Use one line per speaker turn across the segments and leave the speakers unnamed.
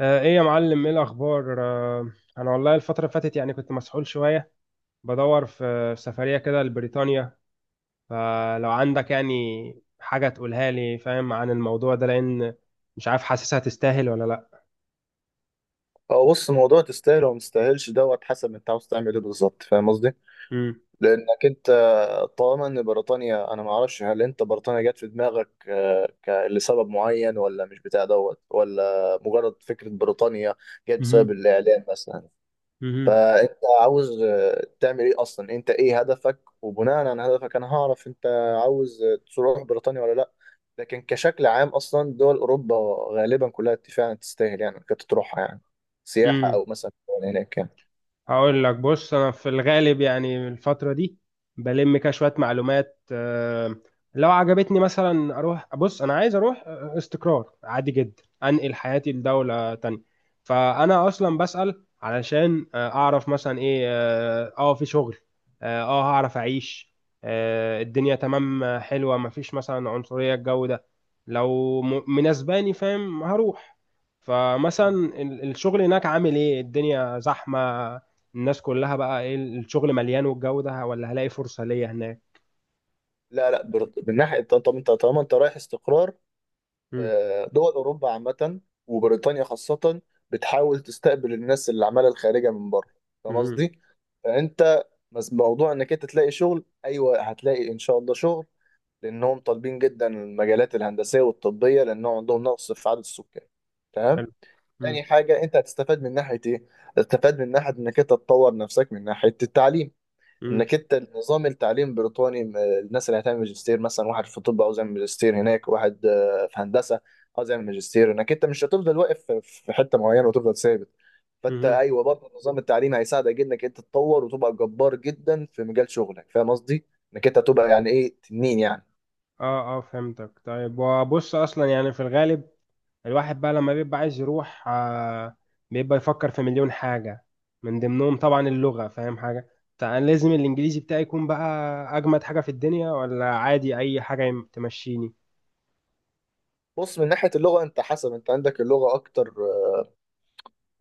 ايه يا معلم، ايه الاخبار؟ انا والله الفتره اللي فاتت يعني كنت مسحول شويه بدور في سفريه كده لبريطانيا. فلو عندك يعني حاجه تقولها لي، فاهم؟ عن الموضوع ده، لان مش عارف حاسسها تستاهل ولا لا.
هو بص، موضوع تستاهل وما تستاهلش دوت حسب انت عاوز تعمل ايه بالظبط، فاهم قصدي؟ لانك انت طالما ان بريطانيا، انا ما اعرفش، هل انت بريطانيا جت في دماغك لسبب معين ولا مش بتاع دوت ولا مجرد فكره بريطانيا جت بسبب
امم
الاعلام مثلا؟ فانت عاوز تعمل ايه اصلا؟ انت ايه هدفك؟ وبناء على هدفك انا هعرف انت عاوز تروح بريطانيا ولا لا. لكن كشكل عام اصلا دول اوروبا غالبا كلها فعلا تستاهل، يعني كنت تروحها يعني سياحة
امم
او مثلا هناك يعني.
هقول لك، بص انا في الغالب يعني الفتره دي بلم كده شويه معلومات. لو عجبتني مثلا اروح. بص انا عايز اروح استقرار، عادي جدا انقل حياتي لدوله تانية. فانا اصلا بسأل علشان اعرف مثلا ايه في شغل، هعرف اعيش، الدنيا تمام، حلوه، مفيش مثلا عنصريه، الجو ده. لو مناسباني، فاهم؟ هروح. فمثلا الشغل هناك عامل ايه؟ الدنيا زحمه. الناس كلها بقى ايه؟ الشغل مليان والجو ده، ولا هلاقي فرصة ليا هناك؟
لا لا، من ناحية، طب انت طالما انت رايح استقرار،
مم.
دول اوروبا عامه وبريطانيا خاصه بتحاول تستقبل الناس اللي عماله الخارجه من بره، فاهم
مم.
قصدي؟ فانت بس موضوع انك انت تلاقي شغل، ايوه هتلاقي ان شاء الله شغل، لانهم طالبين جدا المجالات الهندسيه والطبيه لانهم عندهم نقص في عدد السكان. تمام.
حلو. مم.
تاني حاجه، انت هتستفاد من ناحيه ايه؟ هتستفاد من ناحيه انك انت تطور نفسك من ناحيه التعليم،
مم.
انك انت النظام التعليم البريطاني، الناس اللي هتعمل ماجستير، مثلا واحد في الطب عاوز يعمل ماجستير هناك، واحد في هندسه عاوز يعمل ماجستير، انك انت مش هتفضل واقف في حته معينه وتفضل ثابت. فانت
مم.
ايوه برضه النظام التعليمي هيساعدك انك انت تتطور وتبقى جبار جدا في مجال شغلك، فاهم قصدي؟ انك انت تبقى يعني ايه تنين يعني.
اه، اه، فهمتك. طيب، وبص اصلا يعني في الغالب الواحد بقى لما بيبقى عايز يروح بيبقى يفكر في مليون حاجة، من ضمنهم طبعا اللغة. فاهم حاجة؟ فأنا لازم الإنجليزي بتاعي يكون بقى أجمد حاجة في الدنيا، ولا عادي أي حاجة تمشيني؟
بص، من ناحيه اللغه، انت حسب انت عندك اللغه اكتر،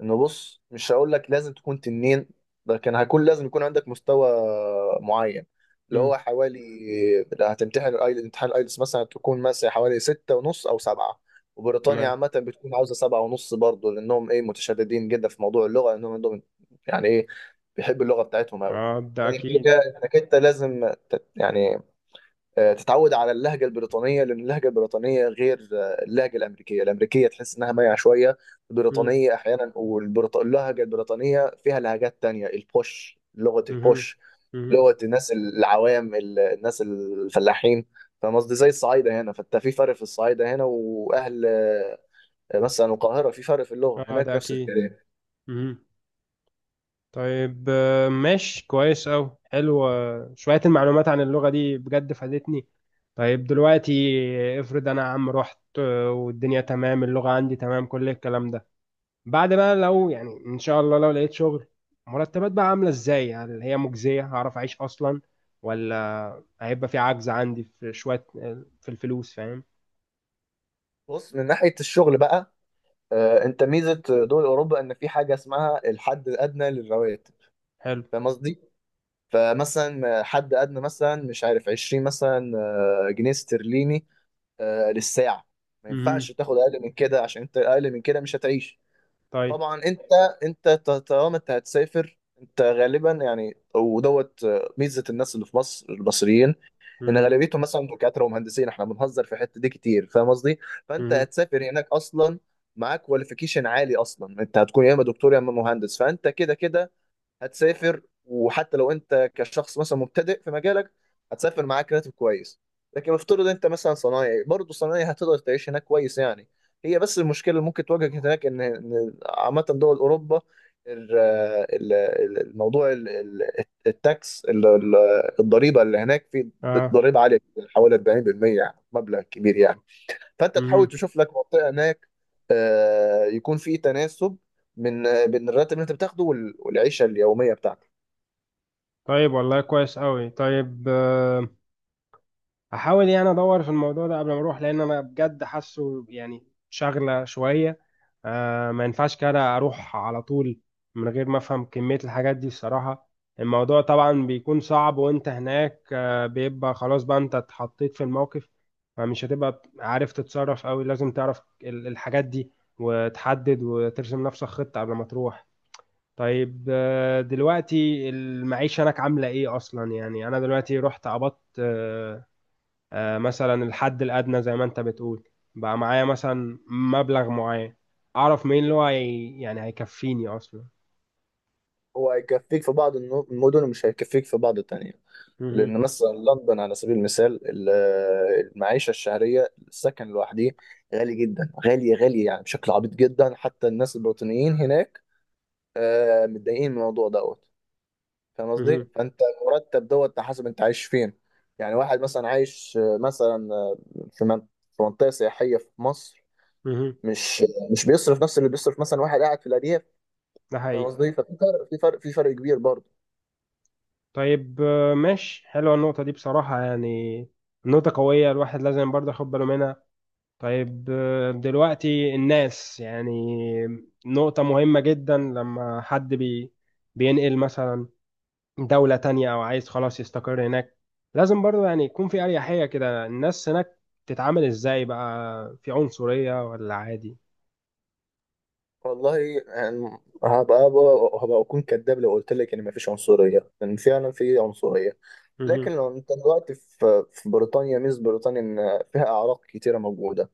انه بص مش هقول لك لازم تكون تنين، ده كان هيكون لازم يكون عندك مستوى معين، اللي
مم.
هو حوالي، هتمتحن الايلتس، امتحان الايلتس مثلا هتكون مثلا حوالي ستة ونص او سبعة، وبريطانيا
تمام.
عامة بتكون عاوزة سبعة ونص برضه، لأنهم إيه متشددين جدا في موضوع اللغة، لأنهم عندهم يعني إيه، بيحبوا اللغة بتاعتهم أوي.
اه، ده
تاني حاجة،
أكيد.
إنك أنت لازم يعني تتعود على اللهجة البريطانية، لأن اللهجة البريطانية غير اللهجة الأمريكية، الأمريكية تحس إنها مايعة شوية،
مم.
البريطانية أحيانا. واللهجة البريطانية فيها لهجات تانية، البوش، لغة
مم.
البوش،
مم.
لغة الناس العوام، الناس الفلاحين، فاهم قصدي؟ زي الصعايدة هنا، فأنت في فرق في الصعايدة هنا وأهل مثلا القاهرة، في فرق في اللغة
اه،
هناك،
ده
نفس
أكيد.
الكلام.
مم. طيب، ماشي كويس أوي. حلو، شوية المعلومات عن اللغة دي بجد فادتني. طيب دلوقتي، افرض أنا يا عم رحت والدنيا تمام، اللغة عندي تمام، كل الكلام ده. بعد بقى، لو يعني إن شاء الله لو لقيت شغل، مرتبات بقى عاملة إزاي؟ هل هي مجزية؟ هعرف أعيش أصلا؟ ولا هيبقى في عجز عندي في شوية في الفلوس، فاهم؟
بص، من ناحية الشغل بقى، أنت ميزة دول أوروبا إن في حاجة اسمها الحد الأدنى للرواتب،
حلو.
فاهم قصدي؟ فمثلا حد ادنى مثلا مش عارف 20 مثلا جنيه استرليني للساعه، ما
امم.
ينفعش تاخد اقل من كده عشان انت اقل من كده مش هتعيش.
طيب.
طبعا طالما انت هتسافر انت غالبا يعني ودوت، ميزه الناس اللي في مصر، المصريين ان
امم.
غالبيتهم مثلا دكاتره ومهندسين، احنا بنهزر في الحته دي كتير، فاهم قصدي؟ فانت
امم.
هتسافر هناك اصلا معاك كواليفيكيشن عالي، اصلا انت هتكون يا اما دكتور يا اما مهندس، فانت كده كده هتسافر، وحتى لو انت كشخص مثلا مبتدئ في مجالك هتسافر معاك راتب كويس. لكن افترض انت مثلا صنايعي، برضه الصنايعي هتقدر تعيش هناك كويس يعني. هي بس المشكله اللي ممكن تواجهك هناك إن عامه دول اوروبا، ال- الموضوع التاكس الضريبه اللي هناك، في
اه.
ضريبه عاليه جداً، حوالي 40%، يعني مبلغ كبير يعني. فانت تحاول
امم.
تشوف لك منطقه هناك يكون في تناسب من بين الراتب اللي انت بتاخده والعيشه اليوميه بتاعتك.
طيب، والله كويس أوي. طيب، هحاول يعني ادور في الموضوع ده قبل ما اروح، لان انا بجد حاسه يعني شاغله شويه. ما ينفعش كده اروح على طول من غير ما افهم كميه الحاجات دي الصراحه. الموضوع طبعا بيكون صعب وانت هناك، بيبقى خلاص بقى انت اتحطيت في الموقف. فمش هتبقى عارف تتصرف قوي، لازم تعرف الحاجات دي وتحدد وترسم نفسك خطه قبل ما تروح. طيب، دلوقتي المعيشة هناك عاملة ايه اصلا؟ يعني انا دلوقتي رحت قبضت، مثلا الحد الأدنى زي ما أنت بتقول، بقى معايا مثلا مبلغ معين. أعرف مين اللي هو يعني هيكفيني أصلا؟
هو هيكفيك في بعض المدن ومش هيكفيك في بعض التانية،
مهم.
لان مثلا لندن على سبيل المثال المعيشه الشهريه، السكن لوحده غالي جدا، غالي غالي يعني، بشكل عبيط جدا، حتى الناس البريطانيين هناك متضايقين من الموضوع دوت، فاهم قصدي؟
مهم.
فانت مرتب دوت على حسب انت عايش فين، يعني واحد مثلا عايش مثلا في في منطقه سياحيه في مصر
مهم.
مش مش بيصرف نفس اللي بيصرف مثلا واحد قاعد في الارياف،
ده
فاهم
حقيقي.
قصدي؟ ففي فرق، في فرق، في فرق كبير برضه.
طيب، ماشي. حلوة النقطة دي بصراحة، يعني نقطة قوية، الواحد لازم برضه ياخد باله منها. طيب، دلوقتي الناس يعني نقطة مهمة جدا لما حد بينقل مثلا دولة تانية أو عايز خلاص يستقر هناك، لازم برضو يعني يكون في أريحية كده. الناس هناك تتعامل إزاي؟ بقى في عنصرية ولا عادي؟
والله يعني، هبقى هبقى هبقى اكون كذاب لو قلت لك ان مفيش عنصريه، لان فعلا في عنصريه،
مهم.
لكن لو انت دلوقتي في بريطانيا، ميز بريطانيا ان فيها اعراق كتيره موجوده،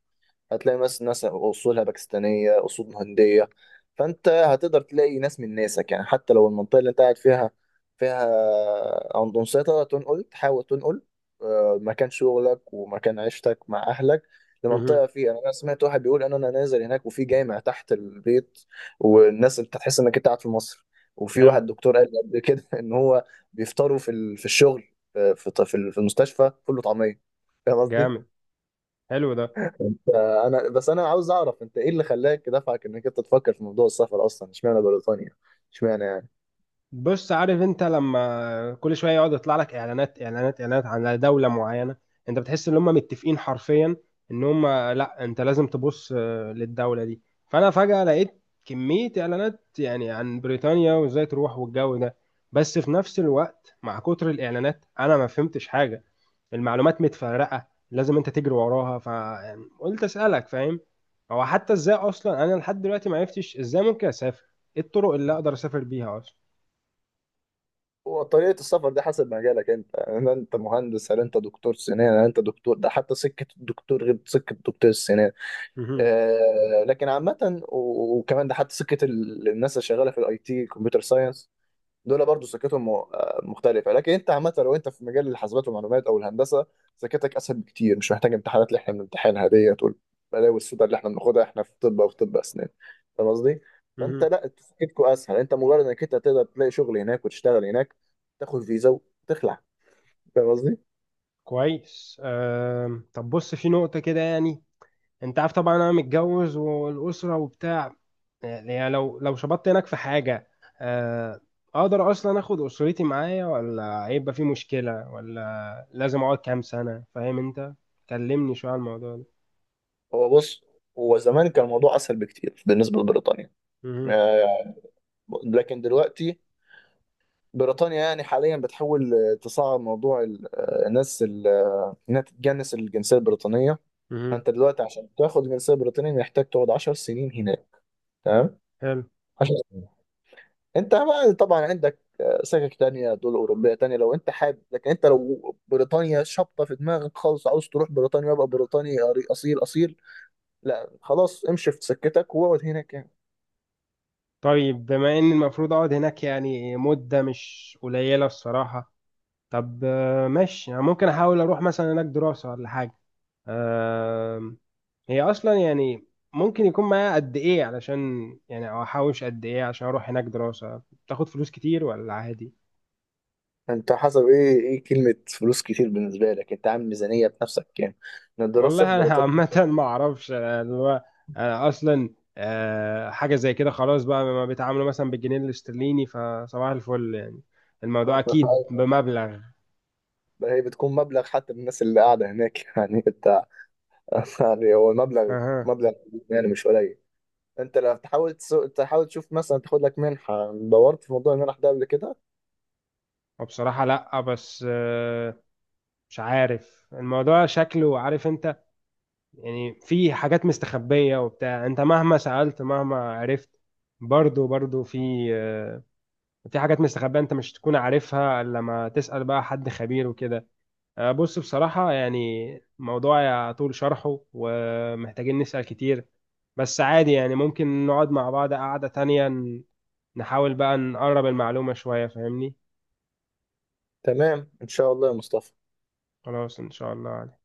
هتلاقي ناس، ناس اصولها باكستانيه، اصول هنديه، فانت هتقدر تلاقي ناس من ناسك يعني. حتى لو المنطقه اللي انت قاعد فيها عندهم سيطره، تنقل، تحاول تنقل مكان شغلك ومكان عيشتك مع اهلك
مهم.
لمنطقه فيها. انا سمعت واحد بيقول ان انا نازل هناك وفي جامع تحت البيت، والناس انت تحس انك انت قاعد في مصر. وفي
حلو.
واحد دكتور قال لي قبل كده ان هو بيفطروا في في الشغل، في في المستشفى، فول وطعميه، فاهم
جامد،
قصدي؟
حلو ده.
انت انا بس انا عاوز اعرف، انت ايه اللي خلاك، دفعك انك انت تفكر في موضوع السفر اصلا؟ اشمعنى بريطانيا؟ اشمعنى يعني؟
بص، عارف انت لما كل شويه يقعد يطلع لك اعلانات، اعلانات، اعلانات على دوله معينه، انت بتحس ان هم متفقين حرفيا، ان هم لا، انت لازم تبص للدوله دي. فانا فجاه لقيت كميه اعلانات يعني عن بريطانيا وازاي تروح والجو ده. بس في نفس الوقت مع كتر الاعلانات انا ما فهمتش حاجه، المعلومات متفرقه، لازم انت تجري وراها، فقلت اسالك، فاهم؟ هو حتى ازاي اصلا؟ انا لحد دلوقتي ما عرفتش ازاي ممكن اسافر، ايه الطرق اللي اقدر اسافر بيها
هو طريقه السفر دي حسب مجالك انت، هل انت مهندس، هل انت دكتور سنان، هل انت دكتور؟ ده حتى سكه الدكتور غير سكه دكتور السنان.
اصلا؟
لكن عامه، وكمان ده حتى سكه الناس اللي شغاله في الاي تي، كمبيوتر ساينس، دول برضو سكتهم مختلفة، لكن انت عامة لو انت في مجال الحاسبات والمعلومات او الهندسة سكتك اسهل بكتير، مش محتاج امتحانات اللي احنا بنمتحنها ديت والبلاوي السودا اللي احنا بناخدها احنا في طب او في طب اسنان، فاهم قصدي؟ فانت
مهم.
لا سكتكوا اسهل، انت مجرد انك انت تقدر تلاقي شغل هناك وتشتغل هناك، تاخد فيزا وتخلع، فاهم قصدي؟
كويس. طب بص، في نقطة كده يعني، انت عارف طبعا انا متجوز والأسرة وبتاع. يعني لو شبطت هناك في حاجة، أه... اقدر اصلا اخد أسرتي معايا ولا هيبقى في مشكلة، ولا لازم اقعد كام سنة؟ فاهم انت؟ كلمني شوية على الموضوع ده.
هو بص، هو زمان كان الموضوع اسهل بكتير بالنسبة لبريطانيا،
مهم.
آه، لكن دلوقتي بريطانيا يعني حاليا بتحاول تصعب موضوع الناس انها تتجنس الجنسيه البريطانيه.
مهم.
فانت دلوقتي عشان تاخد الجنسيه البريطانيه محتاج تقعد 10 سنين هناك، تمام؟
حلو.
10 سنين. انت بقى طبعا عندك سكك تانية، دول أوروبية تانية لو أنت حابب، لكن أنت لو بريطانيا شابطة في دماغك خالص، عاوز تروح بريطانيا وأبقى بريطاني أصيل أصيل، لا خلاص امشي في سكتك واقعد هناك يعني.
طيب، بما ان المفروض اقعد هناك يعني مدة مش قليلة الصراحة، طب ماشي. يعني ممكن احاول اروح مثلا هناك دراسة ولا حاجة. آم، هي اصلا يعني ممكن يكون معايا قد ايه علشان يعني، او احوش قد ايه عشان اروح هناك؟ دراسة بتاخد فلوس كتير ولا عادي؟
أنت حسب إيه كلمة فلوس كتير بالنسبة لك؟ أنت عامل ميزانية بنفسك يعني، إن الدراسة في
والله انا
بريطانيا
عامة ما اعرفش، أنا اللي هو، أنا اصلا حاجة زي كده خلاص بقى، ما بيتعاملوا مثلا بالجنيه الاسترليني، فصباح الفل يعني. الموضوع اكيد بمبلغ.
هي بتكون مبلغ حتى من الناس اللي قاعدة هناك يعني، يعني هو المبلغ،
اها.
مبلغ يعني مش قليل. انت لو تحاول تشوف مثلا تاخد لك منحة، دورت في موضوع المنح ده قبل كده؟
وبصراحة لا، بس مش عارف الموضوع شكله، عارف انت؟ يعني في حاجات مستخبية وبتاع. انت مهما سألت مهما عرفت برضو، برضو في حاجات مستخبية، انت مش تكون عارفها الا لما تسأل بقى حد خبير وكده. بص بصراحة يعني موضوع يطول شرحه ومحتاجين نسأل كتير. بس عادي، يعني ممكن نقعد مع بعض قعدة تانية نحاول بقى نقرب المعلومة شوية، فاهمني؟
تمام، ان شاء الله يا مصطفى.
خلاص، ان شاء الله.